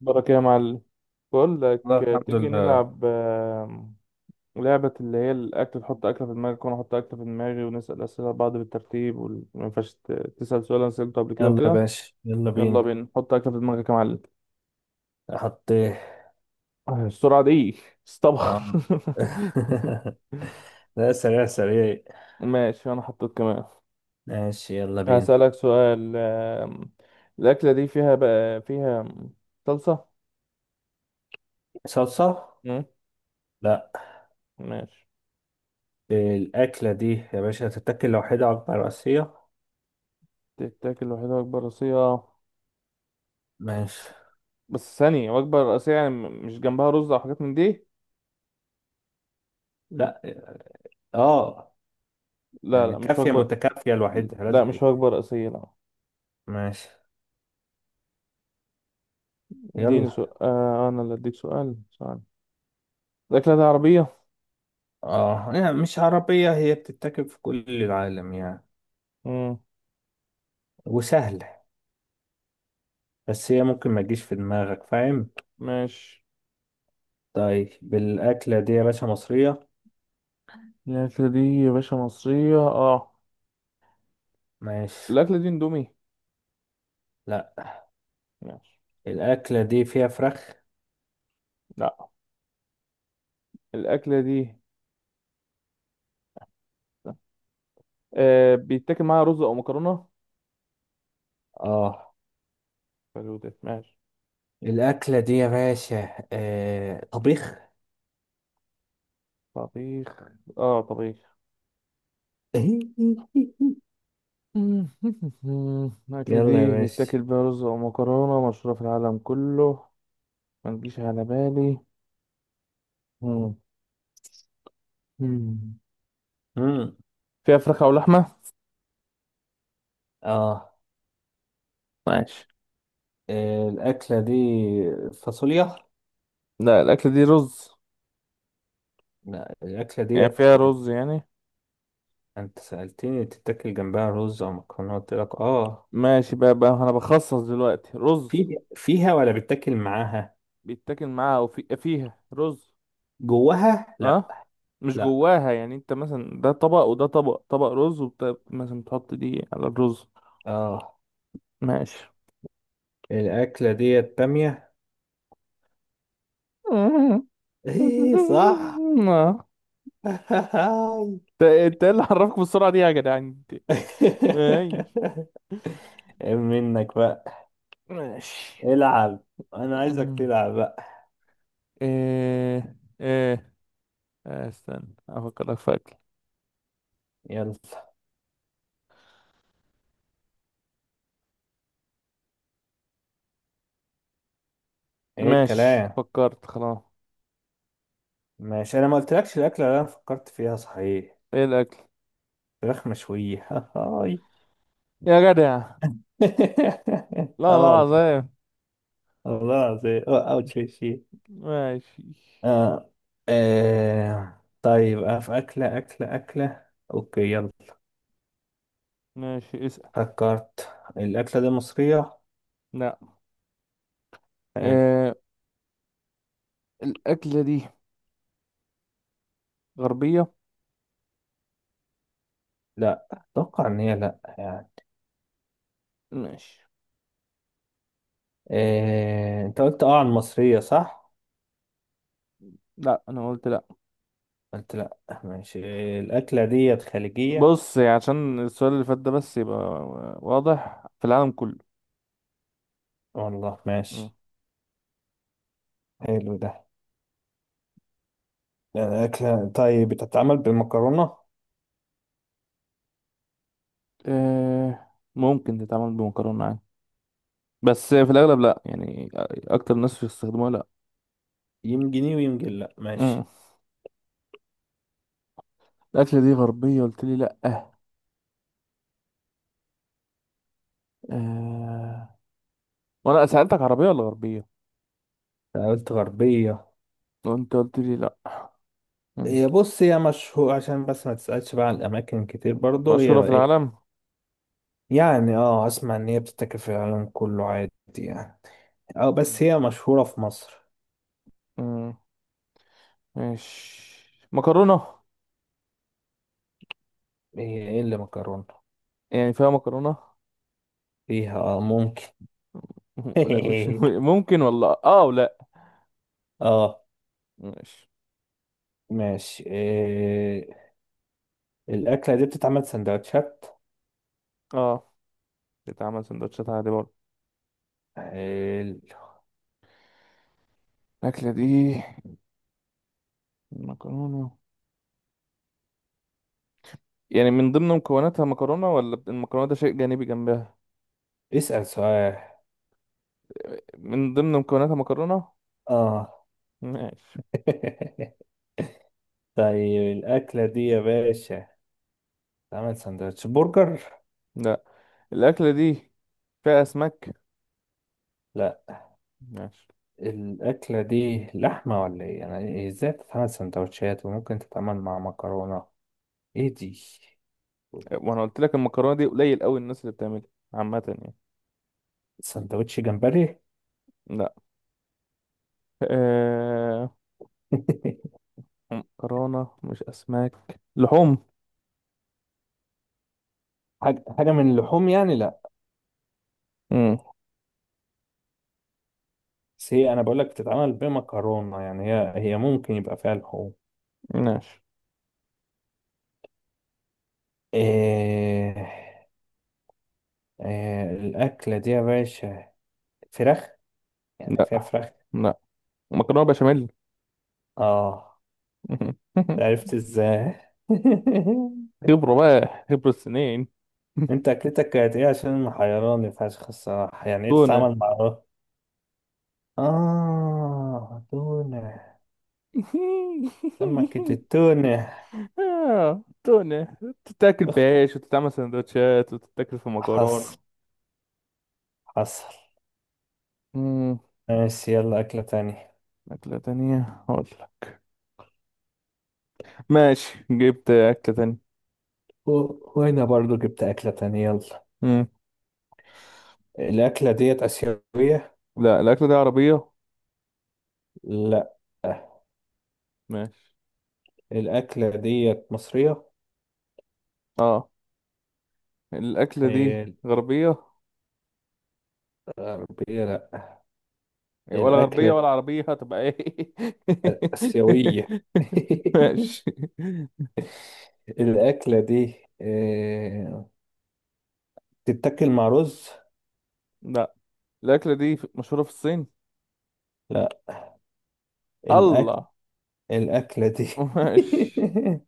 بركة يا معلم. بقول لك، لا، الحمد تيجي لله. نلعب لعبة اللي هي الأكل، تحط أكلة في دماغك وأنا أحط أكلة في دماغي ونسأل أسئلة بعض بالترتيب، وما ينفعش تسأل سؤال أنا سألته قبل كده يلا يا وكده. باشا، يلا يلا بينا. بينا، حط أكلة في دماغك يا معلم. حطيه. آه، السرعة دي. استبخر. آه. لا، سريع سريع. ماشي، أنا حطيت كمان. ماشي، يلا بينا. هسألك سؤال. الأكلة دي فيها بقى فيها صلصة. صلصة. مم، لا. ماشي. الأكلة دي يا باشا تتاكل لوحدها وجبة رئيسية. تتاكل لوحدها بأكبر راسية. ماشي. بس ثانية، وجبة رئيسية يعني مش جنبها رز أو حاجات من دي. لا. اه، لا، يعني لا مش كافية وجبة. متكافية لوحدها لا لازم مش إيه؟ وجبة رئيسية لا. ماشي. اديني يلا. سؤال. آه، أنا اللي أديك سؤال سؤال. الأكلة دي عربية؟ اه، يعني مش عربية، هي بتتاكل في كل العالم يعني. مم. وسهلة. بس هي ممكن ما تجيش في دماغك، فاهم. ماشي. طيب الأكلة دي يا باشا مصرية. الأكلة دي يا باشا مصرية. اه. ماشي. الأكلة دي اندومي. لا. ماشي. الأكلة دي فيها فراخ. لا. الأكلة دي بيتاكل معاها رز أو مكرونة. اه. حلو ده، ماشي. الأكلة دي يا باشا طبيخ. طبيخ. اه طبيخ. الأكلة يلا يا دي باشا. بيتاكل بيها رز أو مكرونة مشهورة في العالم كله. ما تجيش على بالي. مم. مم. مم. فيها فراخ او لحمه. اه. ماشي. الأكلة دي فاصوليا. لا الاكله دي رز. لا، الأكلة يعني ديت. فيها رز يعني. أنت سألتني تتاكل جنبها رز أو مكرونة، قلت لك اه. ماشي بقى انا بخصص دلوقتي رز. في فيها ولا بتاكل معاها؟ بيتاكل معاها او في فيها رز. جواها لا. اه مش لا. جواها، يعني انت مثلا ده طبق وده طبق، طبق رز مثلا تحط دي على الرز. اه. ماشي. الأكلة ديت بامية. آه. انت ايه، صح. انت ايه اللي حركك بالسرعه دي يا جدعان انت؟ اي. ايه منك بقى. ماشي. العب. انا عايزك مم. تلعب بقى. ايه. ايه. آه، استنى افكرك في اكل. يلا. ايه ماشي، الكلام. فكرت خلاص. ماشي، انا ما قلتلكش الاكله اللي انا فكرت فيها، صحيح؟ ايه الاكل. فراخ مشويه. هاي. يا جدع، لا لا اه والله. العظيم. والله العظيم، اه، اوت في شيء. ماشي. اه. طيب، اه، في اكله. اوكي، يلا. ماشي اسأل. فكرت الاكله دي مصريه. لا. حلو. آه، الاكلة دي غربية. لا، اتوقع ان هي لا يعني. ماشي. انت قلت اه عن مصريه، صح؟ لا انا قلت لا. قلت لا. ماشي. الأكلة ديت خليجية. بص، يعني عشان السؤال اللي فات ده بس يبقى واضح في العالم كله. والله، مم. ماشي. حلو ده. يعني أكلة طيب بتتعمل بمكرونة. آه ممكن تتعمل بمكرونة عادي، بس في الاغلب لا يعني، اكتر الناس بيستخدموها لا. يمكن إيه ويمكن لا. مم. ماشي. الاكلة دي غربية قلت لي لا. آه، وانا سألتك عربية ولا غربية، قلت غربية. وانت قلت لي لا. مم. هي، بص، هي مشهور، عشان بس ما تسألش بقى عن الأماكن كتير برضه، هي مشهورة في بقى إيه. العالم. يعني اه، أسمع إن هي بتتاكل في العالم كله عادي يعني. اه، بس هي مشهورة في مصر. مم. ماشي. مكرونة؟ هي إيه اللي مكرونة. يعني فيها مكرونة. فيها اه ممكن. لا مش ممكن والله، اه ولا. اه. ماشي. ماشي، إيه. الأكلة دي بتتعمل سندوتشات. اه بتعمل سندوتشات عادي برضه. حلو. الأكلة دي مكرونة، يعني من ضمن مكوناتها مكرونة ولا المكرونة ده شيء جانبي جنبها؟ اسأل سؤال. من ضمن مكوناتها مكرونة. اه. ماشي. طيب الأكلة دي يا باشا تعمل سندوتش برجر؟ لا الأكلة دي فيها أسماك. لا. ماشي. الأكلة دي لحمة ولا ايه؟ يعني ازاي تتعمل سندوتشات وممكن تتعمل مع مكرونة؟ ايه دي؟ وانا قلت لك المكرونة دي قليل قوي الناس اللي بتعملها، عامة يعني. سندوتش جمبري؟ لا. آه... مكرونة مش أسماك لحوم. حاجة حاجة من اللحوم يعني؟ لا. مم. بس هي أنا بقولك بتتعمل بمكرونة، يعني هي ممكن يبقى فيها لحوم. ماشي. إيه... الأكلة دي يا باشا فراخ؟ يعني لا. فيها فراخ. لا مكرونة بشاميل. اه. عرفت ازاي. خبرة بقى، خبرة سنين. انت اكلتك كانت ايه عشان محيراني فشخ الصراحة، يعني ايه تونة. تتعامل مع الرز؟ اه، تونة. سمكة التونة. آه، تونة تتاكل أخ. بعيش وتتعمل سندوتشات وتتاكل في حصل، مكرونة. حصل. مم. ماشي، يلا أكلة تانية. أكلة تانية أقول لك. ماشي، جبت أكلة تانية. وأنا برضو جبت أكلة تانية، يلا. مم. الأكلة ديت آسيوية. لا الأكلة دي عربية. لا. ماشي. الأكلة ديت مصرية. اه. الأكلة دي إيه. غربية. الغربية لا. يعني ولا غربية الأكلة ولا عربية هتبقى ايه؟ آسيوية. ماشي. الأكلة دي، آه، تتاكل مع رز؟ لا الأكلة دي مشهورة في الصين. لا. الأكل. الله. الأكلة دي. ماشي.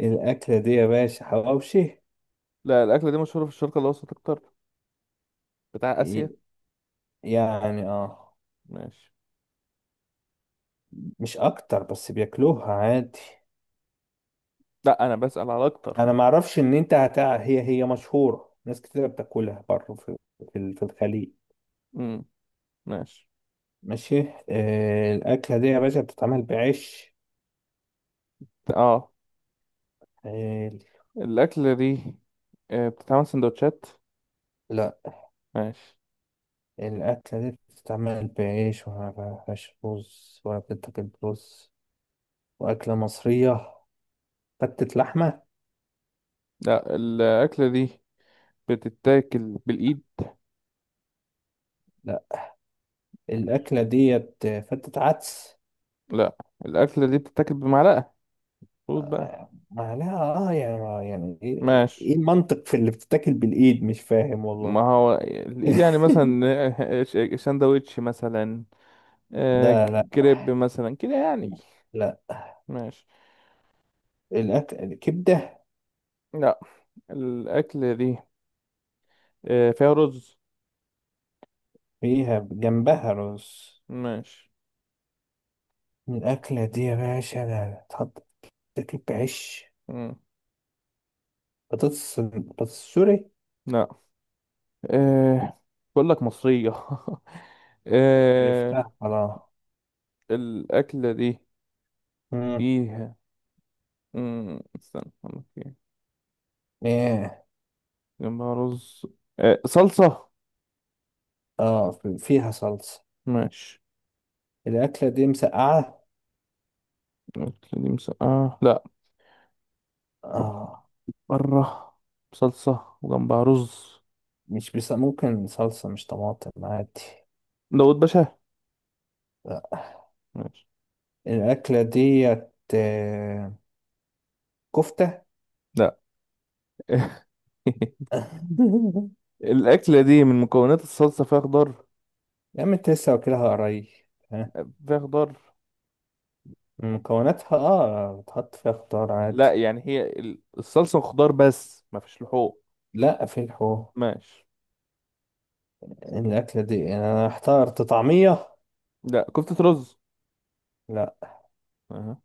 الأكلة دي يا باشا حواوشي. لا الأكلة دي مشهورة في الشرق الأوسط أكتر، بتاع آسيا. ي- يعني اه. ماشي. مش أكتر، بس بياكلوها عادي. لا أنا بسأل على أكتر. أنا معرفش إن أنت هي مشهورة، ناس كتير بتاكلها بره، في في الخليج. امم. ماشي. ماشي. الأكلة دي يا باشا بتتعمل بعيش. اه. حلو. الأكلة دي بتتعمل سندوتشات. لا. ماشي. الأكلة دي بتتعمل بعيش وما فيهاش رز ولا بتتاكل برز، وأكلة مصرية. فتة لحمة. لا الأكلة دي بتتاكل بالإيد. لا. الأكلة ديت فتة عدس. لا الأكلة دي بتتاكل بمعلقة. خد بقى. ما لها. اه يعني يعني ايه. إيه ماشي. المنطق في اللي بتتاكل بالإيد، مش فاهم ما والله. هو الايد، يعني مثلا ساندوتش مثلا. آه، لا، لا. كريب مثلا كده يعني. لا ماشي. الأكل الكبدة. لا الاكل دي فيها رز. فيها جنبها رز. ماشي. الأكلة دي يا باشا لا تحط. تاكل بعيش. مم. بطاطس، بطاطس، سوري. لا. آه، بقول لك مصرية. آه، عرفتها، خلاص. الاكلة دي مم. فيها. استنى أقول لك إيه. ايه. جنبها رز. صلصة. اه، فيها صلصة. ماشي. الأكلة دي مسقعة. الاكلة دي مسقعة لا. اه. بره. صلصة وجنبها رز. مش بس ممكن صلصة مش طماطم عادي. داود باشا. لا. ماشي. الأكلة ديت كفتة. لا. الأكلة دي من مكونات الصلصة فيها خضار. يا عم، انت لسه واكلها قريب. ها. فيها خضار. مكوناتها اه بتحط فيها خضار عادي. لا يعني هي الصلصة وخضار بس ما فيش لحوم. لا، في ماشي. الأكلة دي يعني أنا احترت، طعمية. لا كفتة رز. لا. أها.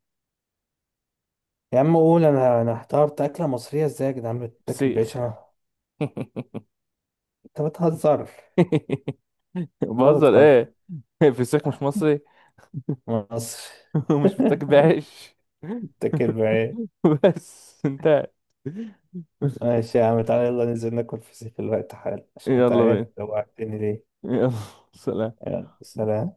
يا عم قول، أنا احترت أكلة مصرية ازاي يا جدعان، بتاكل فسيخ. بعيشها. أنت بتهزر. والله بهزر بتهزر. ايه. فسيخ مش مصري. مصر. ومش بيتاكل بعيش. بتاكل بعيش. بس انتهت. ماشي يا عم، تعالى يلا ننزل ناكل فسيخ في الوقت حالا، عشان انت يلا عارف بينا. لو قعدتني ليه. يلا. سلام. يلا، سلام.